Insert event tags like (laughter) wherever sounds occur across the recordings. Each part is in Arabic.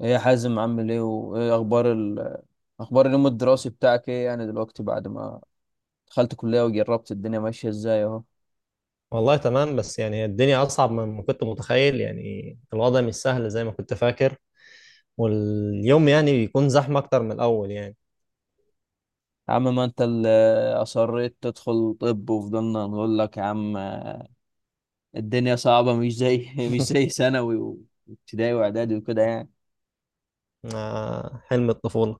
ايه يا حازم، عامل ايه وايه اخبار اخبار اليوم الدراسي بتاعك؟ ايه يعني دلوقتي بعد ما دخلت كلية وجربت الدنيا ماشية ازاي اهو. والله تمام، بس يعني الدنيا أصعب مما كنت متخيل. يعني الوضع مش سهل زي ما كنت فاكر، واليوم يعني بيكون زحمة أكتر من الأول يعني. يا عم، ما انت اللي اصريت تدخل طب، وفضلنا نقول لك يا عم الدنيا صعبة، مش زي (laughs) مش زي (laughs) ثانوي وابتدائي واعدادي وكده يعني. آه، حلم الطفولة.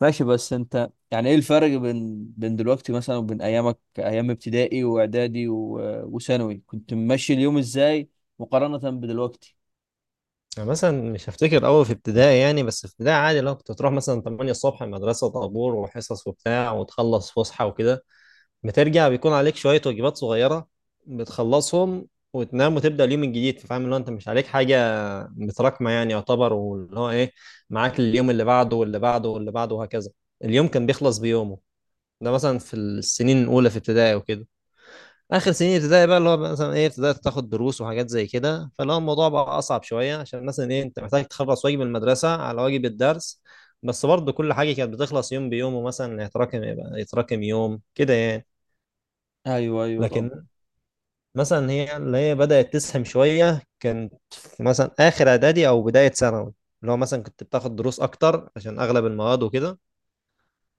ماشي. بس انت يعني ايه الفرق بين دلوقتي مثلا وبين ايامك، ايام ابتدائي واعدادي وثانوي؟ كنت ماشي اليوم ازاي مقارنة بدلوقتي؟ يعني مثلا مش هفتكر أوي في ابتدائي. يعني بس في ابتدائي عادي لو كنت تروح مثلا 8 الصبح المدرسة، طابور وحصص وبتاع وتخلص فسحة وكده. بترجع بيكون عليك شوية واجبات صغيرة، بتخلصهم وتنام وتبدأ اليوم الجديد. فاهم اللي هو أنت مش عليك حاجة متراكمه يعني، يعتبر واللي هو ايه، معاك اليوم اللي بعده واللي بعده واللي بعده وهكذا. اليوم كان بيخلص بيومه. ده مثلا في السنين الاولى في ابتدائي وكده. اخر سنين ابتدائي بقى اللي هو مثلا ايه، ابتدائي تاخد دروس وحاجات زي كده. فاللي هو الموضوع بقى اصعب شويه، عشان مثلا ايه انت محتاج تخلص واجب المدرسه على واجب الدرس. بس برضه كل حاجه كانت بتخلص يوم بيوم، ومثلا يتراكم يبقى يتراكم يوم كده يعني. ايوه، ايوه، طب. لكن مثلا هي اللي هي بدأت تسهم شوية كانت في مثلا آخر إعدادي أو بداية ثانوي. اللي هو مثلا كنت بتاخد دروس أكتر عشان أغلب المواد وكده.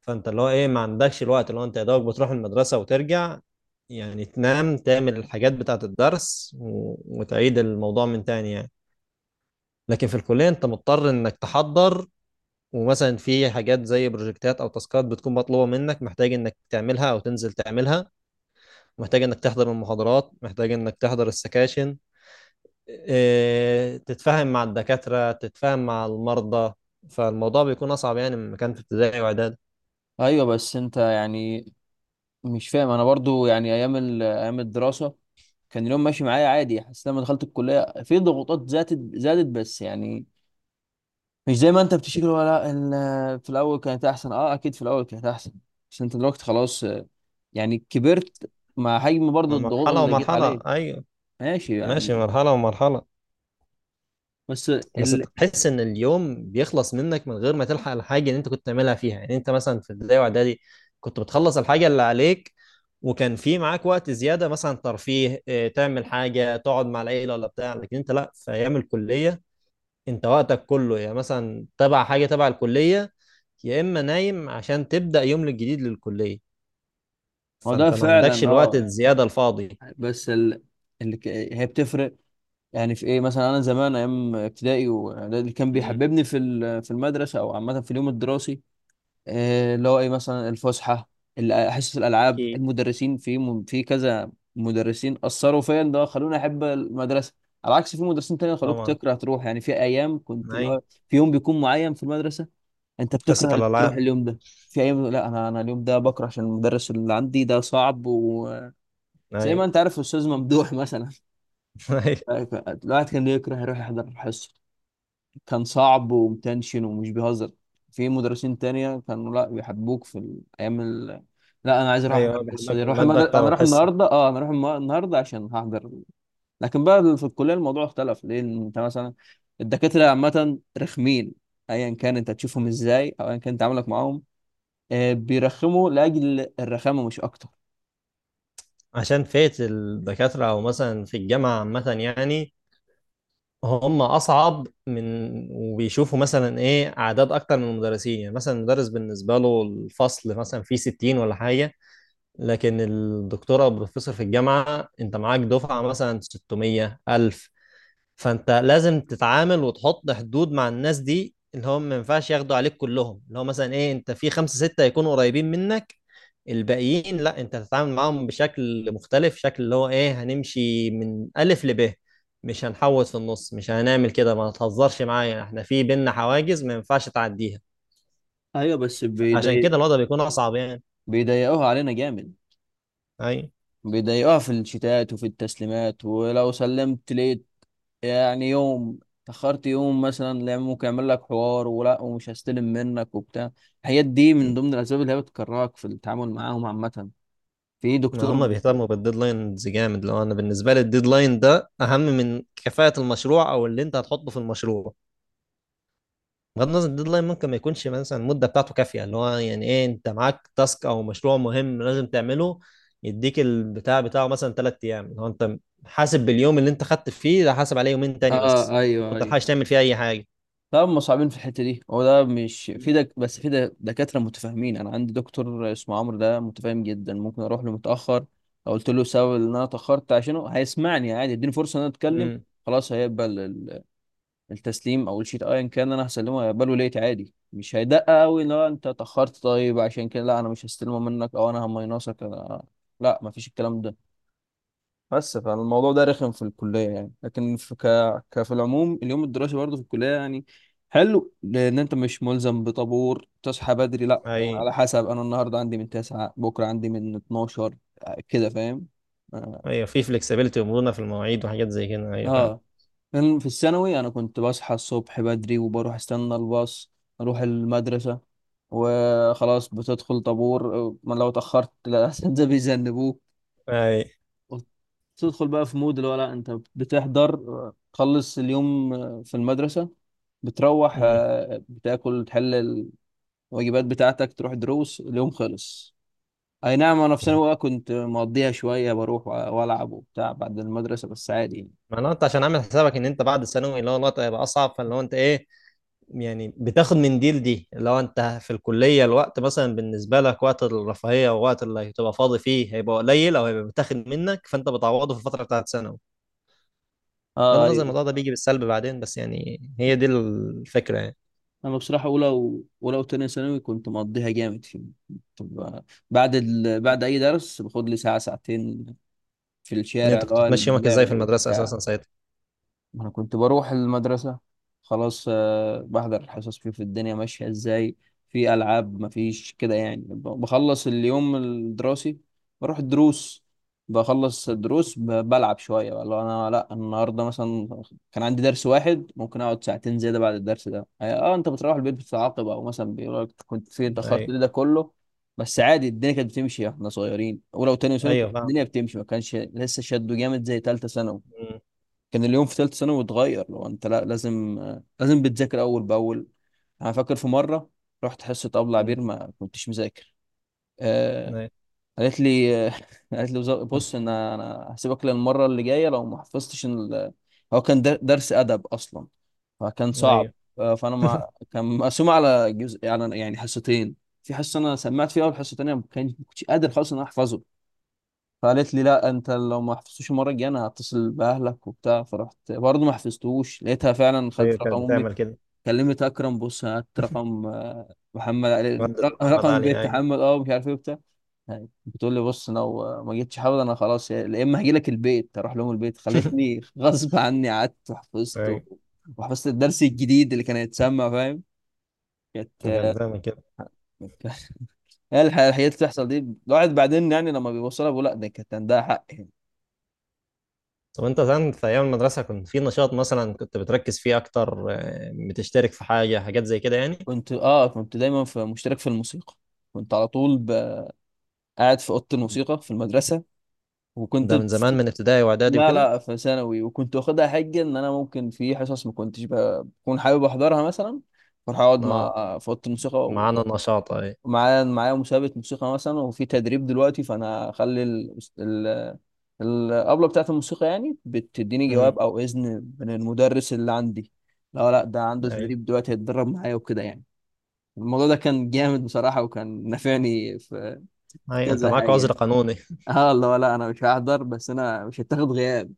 فأنت اللي هو إيه ما عندكش الوقت، اللي هو أنت يا دوبك بتروح المدرسة وترجع، يعني تنام تعمل الحاجات بتاعة الدرس وتعيد الموضوع من تاني يعني. لكن في الكلية أنت مضطر إنك تحضر، ومثلا في حاجات زي بروجكتات أو تاسكات بتكون مطلوبة منك، محتاج إنك تعملها أو تنزل تعملها، محتاج إنك تحضر المحاضرات، محتاج إنك تحضر السكاشن، إيه، تتفاهم مع الدكاترة تتفاهم مع المرضى. فالموضوع بيكون أصعب يعني من كان في ابتدائي وإعدادي. ايوه. بس انت يعني مش فاهم انا برضو، يعني ايام ايام الدراسه كان اليوم ماشي معايا عادي. حسيت لما دخلت الكليه في ضغوطات زادت زادت، بس يعني مش زي ما انت بتشكل، ولا في الاول كانت احسن. اه، اكيد في الاول كانت احسن. بس انت دلوقتي خلاص، يعني كبرت مع حجم برضو ما الضغوط مرحلة اللي جيت ومرحلة. عليه. أيوه ماشي ماشي، يعني. مرحلة ومرحلة. بس بس ال... تحس إن اليوم بيخلص منك من غير ما تلحق الحاجة اللي أنت كنت تعملها فيها. يعني أنت مثلا في ابتدائي وإعدادي كنت بتخلص الحاجة اللي عليك، وكان في معاك وقت زيادة مثلا ترفيه، إيه، تعمل حاجة تقعد مع العيلة ولا بتاع. لكن أنت لأ، في أيام الكلية أنت وقتك كله يعني مثلا تبع حاجة، تبع الكلية، يا اما نايم عشان تبدا يوم الجديد للكليه. هو ده فانت ما عندكش فعلا، الوقت اه. الزياده الفاضي. بس هي بتفرق. يعني في ايه مثلا. انا زمان ايام ابتدائي، وده اللي كان مم. بيحببني في المدرسه، او عامه في اليوم الدراسي. اللي هو ايه، مثلا الفسحه، حصص الالعاب، اكيد. المدرسين في كذا مدرسين اثروا فيا، ان هو خلوني احب المدرسه. على عكس في مدرسين تانية خلوك طبعا. تكره تروح. يعني في ايام كنت اللي اي. هو في يوم بيكون معين في المدرسه انت حصه بتكره تروح الالعاب. اليوم ده. في ايام لا، انا اليوم ده بكره عشان المدرس اللي عندي ده صعب، وزي اي. ما انت عارف الاستاذ ممدوح مثلا. اي. (laughs) (laughs) الواحد كان يكره يروح يحضر الحصه. كان صعب ومتنشن ومش بيهزر. في مدرسين تانية كانوا لا بيحبوك في الأيام لا، أنا عايز أروح أحضر ايوه الحصة بيحبك دي. في الماده اكتر أنا أروح والحصه. النهاردة، أنا أروح النهاردة عشان هحضر. لكن بقى في الكلية الموضوع اختلف، لأن أنت مثلا الدكاترة عامة رخمين. أيا كان أنت تشوفهم مم. إزاي، أو أيا كان تعاملك معاهم، بيرخموا لأجل الرخامة مش أكتر. عشان فئه الدكاتره او مثلا في الجامعه عامه يعني هم اصعب من، وبيشوفوا مثلا ايه اعداد اكتر من المدرسين. يعني مثلا المدرس بالنسبه له الفصل مثلا فيه 60 ولا حاجه، لكن الدكتوره او البروفيسور في الجامعه انت معاك دفعه مثلا 600 1000. فانت لازم تتعامل وتحط حدود مع الناس دي، اللي هم ما ينفعش ياخدوا عليك كلهم. اللي هو مثلا ايه، انت في خمسة ستة يكونوا قريبين منك، الباقيين لا انت تتعامل معاهم بشكل مختلف، شكل اللي هو ايه، هنمشي من الف لب، مش هنحوط في النص، مش هنعمل كده، ما تهزرش معايا، احنا في بينا حواجز ما ينفعش تعديها. أيوة، بس عشان كده الوضع بيكون اصعب يعني. بيضايقوها علينا جامد. اي. بيضايقوها في الشتات وفي التسليمات، ولو سلمت ليه يعني يوم، تأخرت يوم مثلا، لا ممكن يعمل لك حوار ولا، ومش هستلم منك وبتاع. الحاجات دي من ضمن الأسباب اللي هي بتكرهك في التعامل معاهم عامة. في ما دكتور، هم بيهتموا بالديدلاينز جامد. لو انا بالنسبه لي الديدلاين ده اهم من كفاءه المشروع او اللي انت هتحطه في المشروع. بغض النظر الديدلاين ممكن ما يكونش مثلا المده بتاعته كافيه. اللي هو يعني ايه، انت معاك تاسك او مشروع مهم لازم تعمله، يديك البتاع بتاعه مثلا ثلاث ايام، اللي هو انت حاسب باليوم اللي انت خدت فيه ده، حاسب عليه يومين تاني بس، اه ايوه، ما ايوه، تلحقش تعمل فيه اي حاجه. طب هم صعبين في الحتة دي. هو ده مش في بس في دكاترة متفاهمين. أنا عندي دكتور اسمه عمرو، ده متفاهم جدا، ممكن أروح له متأخر. لو قلت له سبب إن أنا اتأخرت عشانه هيسمعني عادي، يديني فرصة إن أنا أتكلم. امم. خلاص، هيقبل التسليم او الشيت ايا كان انا هسلمه، هيقبله ليت عادي، مش هيدقق قوي لا انت اتاخرت طيب عشان كده لا انا مش هستلمه منك او انا هماينصك لا، مفيش الكلام ده. بس فالموضوع ده رخم في الكليه يعني. لكن في ك... ك في العموم اليوم الدراسي برضه في الكليه يعني حلو، لان انت مش ملزم بطابور تصحى بدري. لا، اي. يعني على حسب، انا النهارده عندي من 9، بكره عندي من 12، كده فاهم. آه. ايوه في فلكسبيتي ومرونه في المواعيد وحاجات زي كده، ايوه فاهم. اه، كان في الثانوي انا كنت بصحى الصبح بدري، وبروح استنى الباص، اروح المدرسة، وخلاص بتدخل طابور، ما لو اتأخرت الأساتذة (laughs) بيذنبوك. اي. وتدخل بقى في مود اللي هو لا انت بتحضر تخلص اليوم في المدرسة، بتروح، امم. بتاكل، تحل الواجبات بتاعتك، تروح دروس اليوم، خلص. اي نعم. انا في ثانوي بقى كنت مقضيها شوية، بروح والعب وبتاع بعد المدرسة بس عادي يعني. معناته انت عشان عامل حسابك ان انت بعد الثانوي اللي هو الوقت هيبقى اصعب، فاللي هو انت ايه، يعني بتاخد من دي لدي. لو انت في الكلية الوقت مثلا بالنسبة لك، وقت الرفاهية ووقت اللي هتبقى فاضي فيه هيبقى قليل، او هيبقى بتاخد منك، فانت بتعوضه في الفترة بتاعت ثانوي. بغض اه النظر أيوه. الموضوع ده بيجي بالسلب بعدين، بس يعني هي دي الفكرة يعني. انا بصراحه اولى وتانية ثانوي كنت مقضيها جامد في، طب، بعد بعد اي درس باخد لي ساعه ساعتين في ان الشارع، انت اللي كنت هو بتمشي يومك ازاي اللعب في المدرسة وبتاع. اساسا ساعتها؟ ما انا كنت بروح المدرسة خلاص، بحضر الحصص، فيه في الدنيا ماشية ازاي. في ألعاب، مفيش كده يعني. بخلص اليوم الدراسي، بروح الدروس، بخلص الدروس، بلعب شوية بقى. لو انا لا النهاردة مثلا كان عندي درس واحد، ممكن اقعد ساعتين زيادة بعد الدرس ده. اه انت بتروح البيت بتتعاقب، او مثلا بيقول لك كنت فين، اتأخرت ايوه. ليه، ده كله. بس عادي الدنيا كانت بتمشي، احنا صغيرين. ولو تاني سنة كانت ايوه فاهم. الدنيا بتمشي، ما كانش لسه شده جامد زي تالتة ثانوي. م- كان اليوم في ثالثه ثانوي اتغير، لو انت لا لازم لازم بتذاكر اول باول. انا فاكر في مره رحت حصه ابله م- عبير ما كنتش مذاكر. آه ايوه. قالت لي، (laughs) قالت لي بص، انا هسيبك للمره اللي جايه لو ما حفظتش هو كان درس ادب اصلا، فكان صعب. ايوه. فانا ما (laughs) (laughs) كان مقسوم على جزء يعني حصتين. في حصه انا سمعت فيها اول حصه، تانيه ما كنتش قادر خالص ان انا احفظه. فقالت لي لا انت لو ما حفظتوش المره الجايه انا هتصل باهلك وبتاع. فرحت برضه ما حفظتوش، لقيتها فعلا ايوه خدت كانت رقم امي. بتعمل كده. كلمت اكرم، بص هات رقم محمد مهندس محمد رقم علي، بيت ايوه. محمد، مش عارف ايه وبتاع. يعني بتقول لي بص لو ما جيتش حافظ انا خلاص يا اما هاجي لك البيت، اروح لهم البيت. (laughs) خلتني غصب عني قعدت وحفظت ايوه وحفظت الدرس الجديد اللي كان هيتسمع، فاهم. كانت. كانت بتعمل كده. (laughs) هي الحاجات اللي بتحصل دي الواحد بعدين يعني لما بيوصلها بيقول لا ده كانت عندها حق. طب انت زمان في ايام المدرسه كنت في نشاط مثلا كنت بتركز فيه اكتر، آه، بتشترك في حاجه حاجات زي كده يعني؟ كنت دايما في مشترك في الموسيقى، كنت على طول قاعد في اوضه الموسيقى في المدرسه، وكنت ده من زمان من ابتدائي واعدادي لا وكده. لا، في ثانوي. وكنت واخدها حجه ان انا ممكن في حصص ما كنتش بكون حابب احضرها مثلا، بروح اقعد اه مع في اوضه الموسيقى معانا نشاط. اي. ومعايا مسابقه موسيقى مثلا، وفي تدريب دلوقتي. فانا اخلي الابله بتاعت الموسيقى يعني بتديني امم. جواب او اذن من المدرس اللي عندي، لا لا ده عنده اي. تدريب دلوقتي، هيتدرب معايا وكده يعني. الموضوع ده كان جامد بصراحة، وكان نافعني في اي انت كذا معاك حاجة عذر يعني. قانوني. (laughs) اه اللي هو لا انا مش هحضر، بس انا مش هتاخد غياب،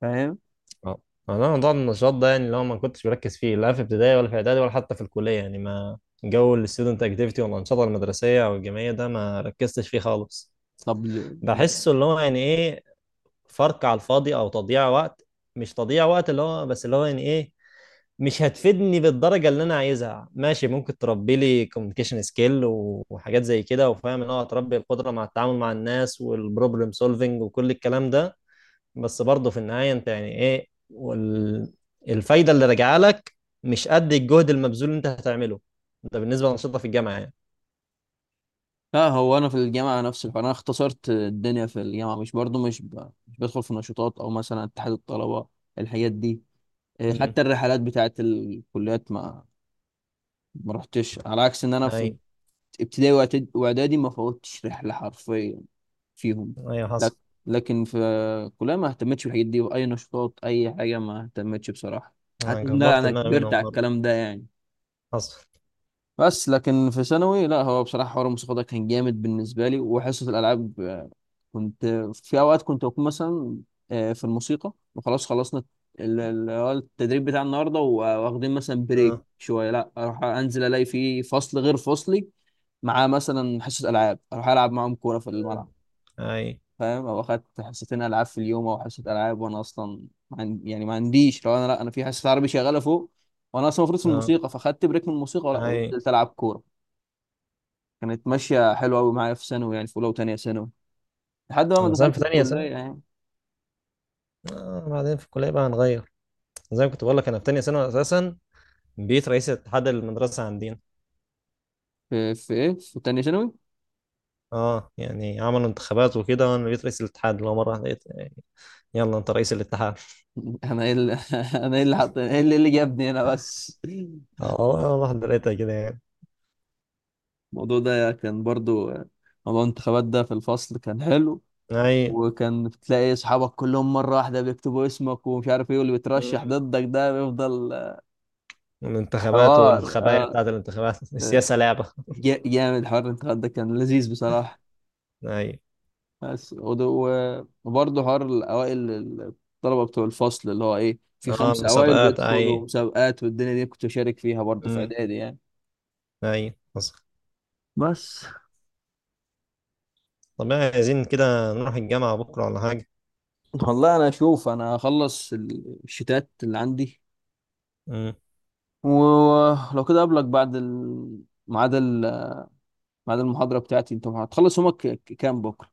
فاهم. اه. انا موضوع النشاط ده يعني اللي هو ما كنتش بركز فيه، لا في ابتدائي ولا في اعدادي ولا حتى في الكليه يعني. ما جو الستودنت اكتيفيتي والانشطه المدرسيه او الجامعيه ده ما ركزتش فيه خالص. طب ليه؟ بحسه اللي هو يعني ايه، فرق على الفاضي او تضييع وقت. مش تضييع وقت اللي هو، بس اللي هو يعني ايه، مش هتفيدني بالدرجه اللي انا عايزها. ماشي، ممكن تربي لي كوميونيكيشن سكيل وحاجات زي كده، وفاهم ان هو هتربي القدره مع التعامل مع الناس والبروبلم سولفنج وكل الكلام ده. بس برضه في النهايه انت يعني ايه الفايده اللي راجعه لك مش قد الجهد المبذول اللي انت هتعمله. ده بالنسبه للانشطه في الجامعه يعني. اه هو انا في الجامعة نفس الحوار، انا اختصرت الدنيا في الجامعة، مش برضو مش مش بدخل في نشاطات او مثلا اتحاد الطلبة، الحاجات دي، مم. حتى الرحلات بتاعت الكليات ما رحتش، على عكس ان انا في اي. ابتدائي واعدادي ما فوتش رحلة حرفيا فيهم ايوه حصل. لك. لكن في كلها ما اهتمتش بالحاجات دي، واي نشاطات، اي حاجه ما اهتمتش بصراحه، انا حتى ان كبرت انا دماغي كبرت منهم على برضه. الكلام ده يعني. حصل. بس لكن في ثانوي لا، هو بصراحه حوار الموسيقى ده كان جامد بالنسبه لي، وحصه الالعاب، كنت. في اوقات كنت بكون مثلا في الموسيقى، وخلاص خلصنا التدريب بتاع النهارده، واخدين مثلا بريك اه. شويه، لا اروح انزل الاقي في فصل غير فصلي مع مثلا حصه العاب، اروح العب معاهم كوره في الملعب، اي. فاهم. او اخدت حصتين العاب في اليوم، او حصه العاب وانا اصلا ما عن- يعني ما عنديش. لو انا لا انا في حصه عربي شغاله فوق، وانا اصلا المفروض في اه. الموسيقى، فاخدت بريك من الموسيقى، ولا اي. قلت العب كوره. كانت ماشيه حلوه قوي معايا في ثانوي يعني، في اولى وثانيه ثانوي، لحد بقى ما انا سنه دخلت في تانية الكليه سنه، يعني. آه، بعدين في الكليه بقى هنغير. زي ما كنت بقول لك انا في تانية ثانوي اساسا بقيت رئيس اتحاد المدرسه عندنا. في ايه؟ في ثانيه ثانوي. اه يعني عملوا انتخابات وكده، وانا بقيت رئيس الاتحاد. اللي هو مره واحدة لقيت يلا انت رئيس الاتحاد. (laughs) انا ايه اللي (laughs) انا ايه اللي حط ايه اللي, إيه اللي جابني هنا بس. اه والله واحده لقيتها كده يعني. الموضوع ده كان برضو موضوع الانتخابات ده في الفصل كان حلو، اي. وكان بتلاقي اصحابك كلهم مره واحده بيكتبوا اسمك ومش عارف ايه، واللي مم. بيترشح ضدك ده بيفضل. الانتخابات حوار والخبايا بتاعت الانتخابات. (laughs) آه، السياسه لعبه. جامد، حوار الانتخابات ده كان لذيذ بصراحه. اي. بس وبرضه حوار الاوائل الطلبه بتوع الفصل اللي هو ايه، في اه خمسه اوائل المسابقات. بيدخلوا اي. مسابقات، والدنيا دي كنت بشارك فيها برضه في امم. اعدادي يعني. اي حصل. بس طب يعني عايزين كده نروح الجامعه بكره ولا حاجه؟ والله، انا اشوف انا هخلص الشتات اللي عندي، امم. ولو كده اقابلك بعد ميعاد المحاضرة بتاعتي. انت هتخلص يومك كام بكرة؟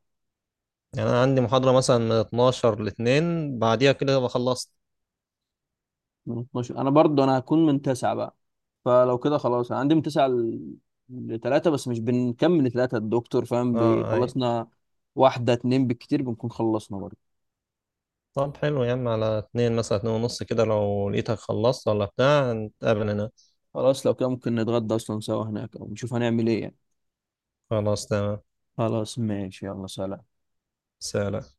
يعني انا عندي محاضره مثلا من 12 ل 2، بعديها كده بخلصت. من 12، انا برضو انا هكون من 9 بقى. فلو كده خلاص، انا عندي من 9 ل 3. بس مش بنكمل 3، الدكتور فاهم اه. اي. بيخلصنا واحدة اتنين بالكتير، بنكون خلصنا برضو. طب حلو يا عم، على اتنين مثلا اتنين ونص كده، لو لقيتك خلصت ولا بتاع نتقابل هنا. خلاص، لو كده ممكن نتغدى اصلا سوا هناك، او نشوف هنعمل ايه يعني. خلاص تمام. خلاص ماشي، يلا سلام. سلام.